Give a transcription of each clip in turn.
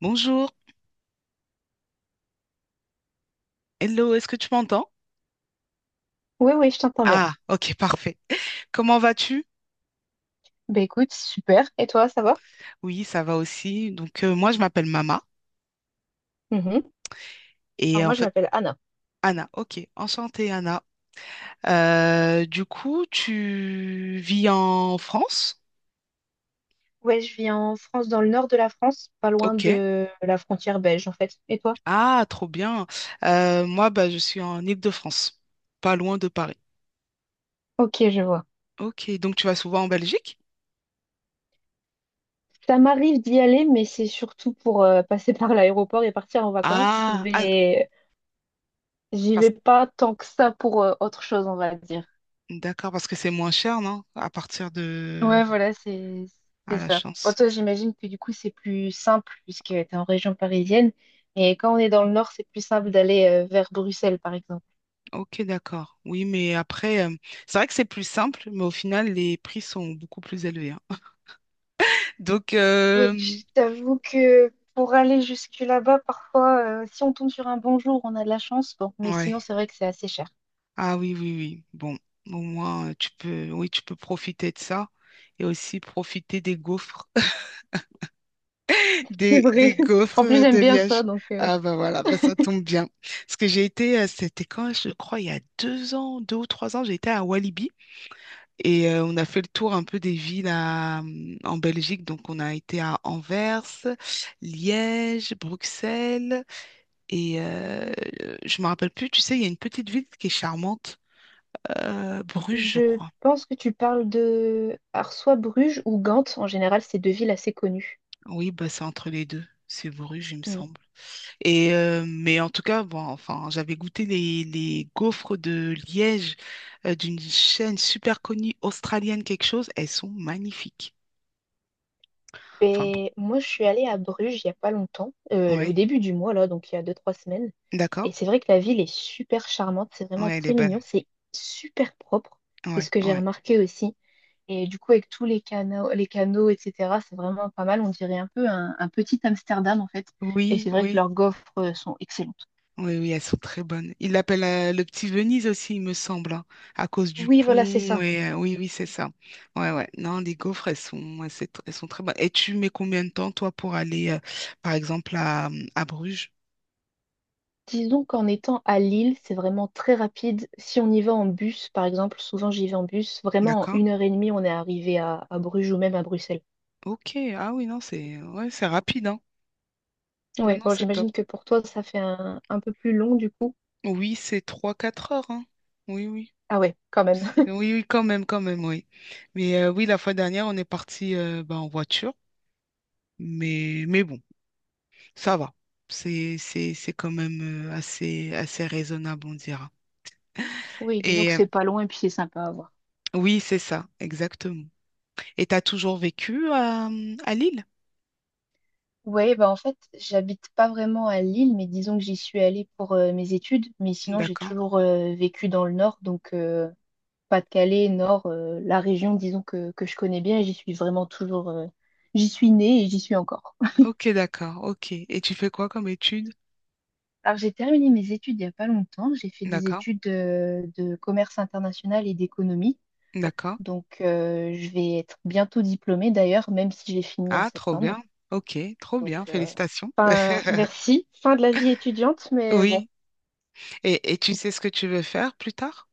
Bonjour, hello, est-ce que tu m'entends? Oui, oui, je t'entends bien. Ah, ok, parfait. Comment vas-tu? Ben écoute, super. Et toi, ça va? Oui, ça va aussi. Moi, je m'appelle Mama Mhm. et Alors en moi, je fait, m'appelle Anna. Anna. Ok, enchantée, Anna. Tu vis en France? Ouais, je vis en France, dans le nord de la France, pas loin Ok. de la frontière belge, en fait. Et toi? Ah, trop bien. Moi, bah, je suis en Île-de-France, pas loin de Paris. Ok, je vois. Ok, donc tu vas souvent en Belgique? Ça m'arrive d'y aller, mais c'est surtout pour passer par l'aéroport et partir en vacances. Ah, ah, Mais j'y vais parce... pas tant que ça pour autre chose, on va dire. d'accord, parce que c'est moins cher, non? À partir de... Ouais, voilà, c'est Ah, c'est la ça. Bon, chance. toi, j'imagine que du coup, c'est plus simple puisque tu es en région parisienne. Et quand on est dans le nord, c'est plus simple d'aller vers Bruxelles, par exemple. Ok, d'accord. C'est vrai que c'est plus simple, mais au final, les prix sont beaucoup plus élevés, hein. Donc, Oui, euh, je t'avoue que pour aller jusque là-bas, parfois, si on tombe sur un bon jour, on a de la chance. Bon, mais ouais. sinon, c'est vrai que c'est assez cher. Ah oui, oui, oui. Bon, au moins, tu peux, oui, tu peux profiter de ça et aussi profiter des gaufres, C'est des vrai. gaufres En plus, de j'aime bien Liège. ça, donc. Ah bah voilà, bah ça tombe bien. Parce que j'ai été, c'était quand, je crois, il y a deux ans, deux ou trois ans, j'ai été à Walibi. Et on a fait le tour un peu des villes à, en Belgique. Donc, on a été à Anvers, Liège, Bruxelles. Et euh, je me rappelle plus, tu sais, il y a une petite ville qui est charmante, Bruges, je Je crois. pense que tu parles de alors soit Bruges ou Gand. En général, c'est deux villes assez connues. Oui, bah, c'est entre les deux. C'est Bruges, il me Hmm. semble. Et, mais en tout cas, bon, enfin, j'avais goûté les gaufres de Liège d'une chaîne super connue australienne, quelque chose. Elles sont magnifiques. Enfin bon, Ben, moi, je suis allée à Bruges il y a pas longtemps, au ouais, début du mois, là, donc il y a deux, trois semaines. d'accord. Et c'est vrai que la ville est super charmante, c'est vraiment Ouais, elle est très bonne. mignon, c'est super propre. C'est Ouais, ce que j'ai ouais. remarqué aussi. Et du coup, avec tous les canaux, etc., c'est vraiment pas mal. On dirait un peu un petit Amsterdam, en fait. Et Oui, c'est vrai que oui, leurs gaufres sont excellentes. oui, oui, elles sont très bonnes. Ils l'appellent le petit Venise aussi, il me semble, hein, à cause du Oui, voilà, c'est pont. ça. Et, oui, oui, c'est ça. Ouais, ouais. Non, les gaufres, elles sont, ouais, elles sont très bonnes. Et tu mets combien de temps, toi, pour aller, par exemple, à Bruges? Disons qu'en étant à Lille, c'est vraiment très rapide. Si on y va en bus, par exemple, souvent j'y vais en bus, vraiment en D'accord? une heure et demie, on est arrivé à Bruges ou même à Bruxelles. Ok. Ah oui, non, c'est ouais, c'est rapide, hein. Non, Oui, non, bon, c'est top. j'imagine que pour toi, ça fait un peu plus long du coup. Oui, c'est trois quatre heures, hein. Oui, oui. Ah ouais, quand même. Oui, oui, quand même, oui. Oui, la fois dernière, on est parti ben, en voiture. Mais bon. Ça va. C'est quand même assez, assez raisonnable, on dira. Oui, disons que Et c'est pas loin et puis c'est sympa à voir. oui, c'est ça, exactement. Et t'as toujours vécu à Lille? Ouais, bah en fait, j'habite pas vraiment à Lille, mais disons que j'y suis allée pour mes études. Mais sinon, j'ai D'accord. toujours vécu dans le nord, donc Pas-de-Calais, nord, la région, disons que je connais bien et j'y suis vraiment toujours. J'y suis née et j'y suis encore. Ok, d'accord, ok. Et tu fais quoi comme étude? Alors, j'ai terminé mes études il y a pas longtemps. J'ai fait des D'accord, études de commerce international et d'économie. d'accord. Donc, je vais être bientôt diplômée d'ailleurs, même si j'ai fini en Ah, trop septembre. bien. Ok, trop Donc, bien, félicitations. Merci. Fin de la vie étudiante, mais bon, Oui. Et tu sais ce que tu veux faire plus tard?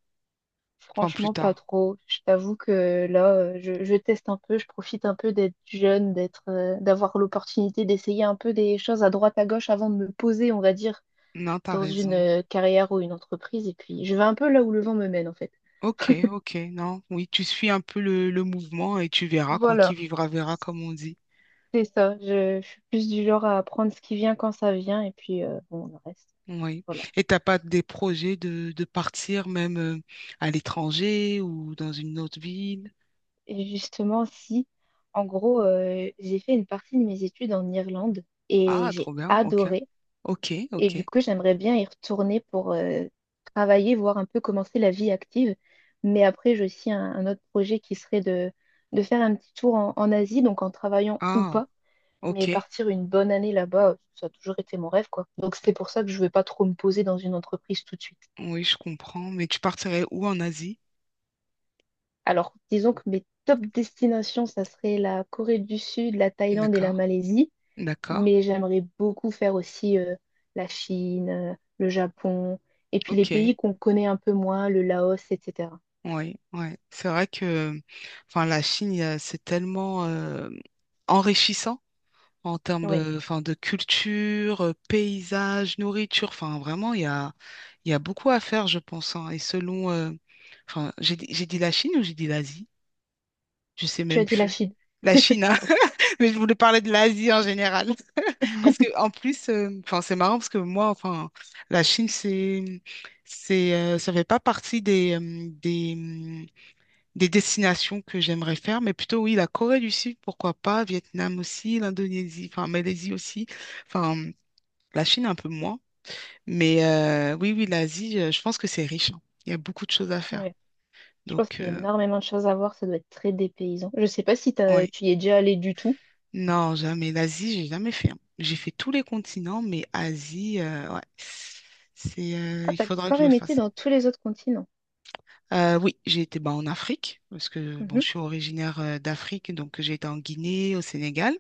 Enfin, plus franchement, pas tard. trop. Je t'avoue que là, je teste un peu, je profite un peu d'être jeune, d'être, d'avoir l'opportunité d'essayer un peu des choses à droite, à gauche avant de me poser, on va dire, Non, t'as dans une raison. Carrière ou une entreprise. Et puis, je vais un peu là où le vent me mène, en fait. Ok, ok, non, oui, tu suis un peu le mouvement et tu verras, quoi. Qui Voilà. vivra, verra, comme on dit. C'est ça. Je suis plus du genre à apprendre ce qui vient quand ça vient, et puis, bon, le reste. Oui. Voilà. Et t'as pas des projets de partir même à l'étranger ou dans une autre ville? Et justement, si. En gros, j'ai fait une partie de mes études en Irlande et Ah, trop j'ai bien. Ok. adoré. Ok, Et ok. du coup, j'aimerais bien y retourner pour travailler, voir un peu commencer la vie active. Mais après, j'ai aussi un autre projet qui serait de faire un petit tour en, en Asie, donc en travaillant ou Ah, pas. Mais ok. partir une bonne année là-bas, ça a toujours été mon rêve, quoi. Donc c'est pour ça que je ne vais pas trop me poser dans une entreprise tout de suite. Oui, je comprends. Mais tu partirais où en Asie? Alors, disons que mes top destinations, ça serait la Corée du Sud, la Thaïlande et la D'accord. Malaisie. D'accord. Mais j'aimerais beaucoup faire aussi la Chine, le Japon, et puis les Ok. pays qu'on connaît un peu moins, le Laos, etc. Oui, oui. C'est vrai que enfin, la Chine, il y a- c'est tellement enrichissant en termes Oui, enfin, de culture, paysage, nourriture. Enfin, vraiment, il y a beaucoup à faire, je pense, hein. Enfin, j'ai dit la Chine ou j'ai dit l'Asie? Je sais tu même as dit la plus. Chine. La Chine, hein. Mais je voulais parler de l'Asie en général. Parce que en plus, enfin, c'est marrant parce que moi, enfin, la Chine, ça fait pas partie des, des destinations que j'aimerais faire, mais plutôt oui, la Corée du Sud, pourquoi pas, Vietnam aussi, l'Indonésie, enfin Malaisie aussi, enfin la Chine un peu moins, mais oui, oui, l'Asie, je pense que c'est riche, hein. Il y a beaucoup de choses à Oui, faire. je pense Donc, qu'il y a énormément de choses à voir, ça doit être très dépaysant. Je sais pas si oui, tu y es déjà allé du tout. non, jamais. L'Asie, j'ai jamais fait, hein. J'ai fait tous les continents, mais Asie, ouais, Ah, il t'as faudra que quand je le même été fasse. dans tous les autres continents. Oui, j'ai été bah, en Afrique, parce que bon, Mhm. je suis originaire d'Afrique, donc j'ai été en Guinée, au Sénégal.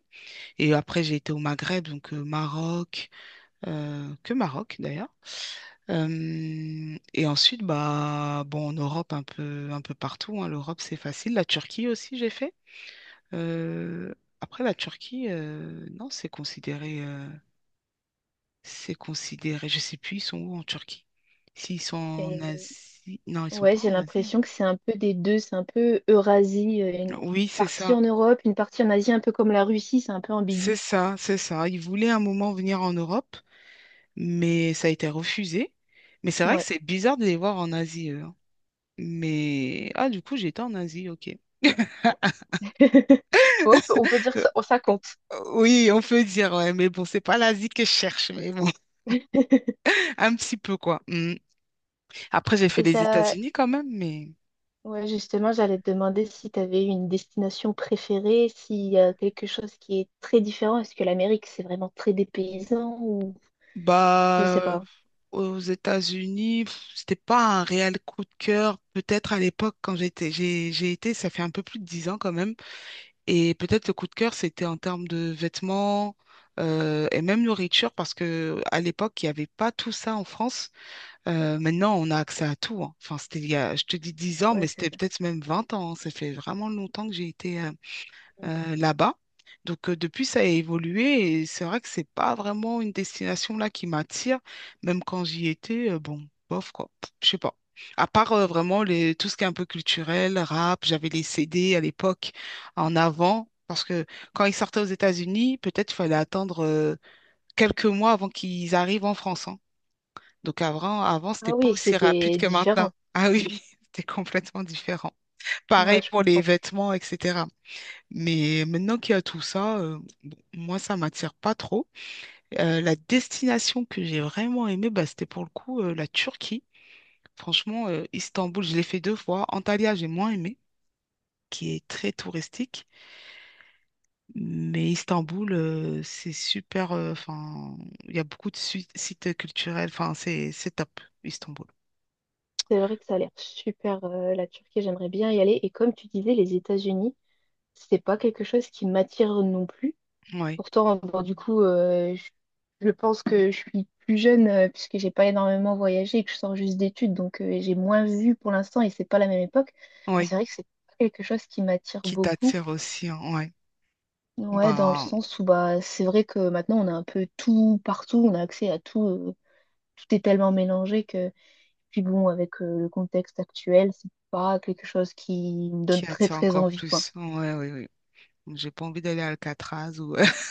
Et après, j'ai été au Maghreb, donc Maroc, que Maroc d'ailleurs. Et ensuite, bah, bon, en Europe, un peu partout, hein. L'Europe, c'est facile. La Turquie aussi, j'ai fait. Euh, Après, la Turquie, non, c'est considéré. Je sais plus, ils sont où en Turquie? S'ils sont en Et Asie, non, ils sont ouais, pas j'ai en Asie, hein. l'impression que c'est un peu des deux, c'est un peu Eurasie, une Oui, partie en Europe, une partie en Asie, un peu comme la Russie, c'est un peu ambigu. C'est ça. Ils voulaient un moment venir en Europe, mais ça a été refusé. Mais c'est vrai que Ouais. c'est bizarre de les voir en Asie, eux, hein. Mais ah, du coup, j'étais en Asie, ok. On peut dire que ça compte. Oui, on peut dire, ouais, mais bon, c'est pas l'Asie que je cherche, mais bon, un petit peu quoi. Mm. Après, j'ai fait Et les ça, États-Unis quand même, mais ouais, justement, j'allais te demander si tu avais une destination préférée, s'il y a quelque chose qui est très différent. Est-ce que l'Amérique, c'est vraiment très dépaysant ou je bah sais pas. aux États-Unis, pff, c'était pas un réel coup de cœur. Peut-être à l'époque quand j'étais, j'ai été, ça fait un peu plus de dix ans quand même. Et peut-être le coup de cœur, c'était en termes de vêtements et même nourriture, parce que à l'époque, il n'y avait pas tout ça en France. Maintenant, on a accès à tout, hein. Enfin, c'était il y a, je te dis 10 ans, Ouais, mais c'est c'était vrai. peut-être même 20 ans, hein. Ça fait vraiment longtemps que j'ai été Mm. Là-bas. Donc depuis, ça a évolué et c'est vrai que c'est pas vraiment une destination là qui m'attire. Même quand j'y étais, bon, bof quoi, pff, je sais pas. À part vraiment les, tout ce qui est un peu culturel, rap, j'avais les CD à l'époque en avant. Parce que quand ils sortaient aux États-Unis, peut-être il fallait attendre quelques mois avant qu'ils arrivent en France, hein. Donc avant, c'était Ah pas oui, aussi rapide c'était que maintenant. différent. Ah oui, c'était complètement différent. Ouais, Pareil je pour les comprends. vêtements, etc. Mais maintenant qu'il y a tout ça, bon, moi, ça m'attire pas trop. La destination que j'ai vraiment aimée, bah, c'était pour le coup la Turquie. Franchement, Istanbul, je l'ai fait deux fois. Antalya, j'ai moins aimé, qui est très touristique. Mais Istanbul, c'est super. Enfin, il y a beaucoup de sites culturels. Enfin, c'est top, Istanbul. C'est vrai que ça a l'air super, la Turquie, j'aimerais bien y aller. Et comme tu disais, les États-Unis, c'est pas quelque chose qui m'attire non plus. Oui, Pourtant, bon, du coup, je pense que je suis plus jeune puisque j'ai pas énormément voyagé et que je sors juste d'études, donc j'ai moins vu pour l'instant et c'est pas la même époque. Mais c'est oui. vrai que c'est pas quelque chose qui m'attire Qui beaucoup. t'attire aussi, hein, ouais. Ouais, dans le Bah, sens où bah c'est vrai que maintenant on a un peu tout partout, on a accès à tout, tout est tellement mélangé que puis bon, avec le contexte actuel, c'est pas quelque chose qui me donne qui très attire très encore envie, quoi. plus. Ouais, oui, oui. J'ai pas envie d'aller à Alcatraz ou.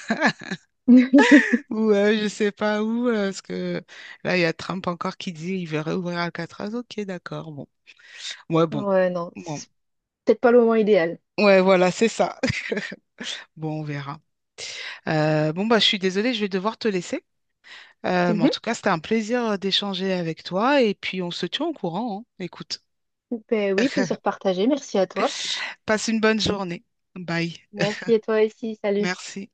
Ouais, je sais pas où, parce que là, il y a Trump encore qui dit il veut réouvrir Alcatraz. Ok, d'accord, bon. Ouais, bon. Ouais, non, Bon. c'est peut-être pas le moment idéal. Ouais, voilà, c'est ça. Bon, on verra. Bon, bah, je suis désolée, je vais devoir te laisser. Mais en tout cas, c'était un plaisir d'échanger avec toi et puis on se tient au courant, hein. Écoute, Ben oui, plaisir partagé. Merci à toi. passe une bonne journée. Bye. Merci à toi aussi. Salut. Merci.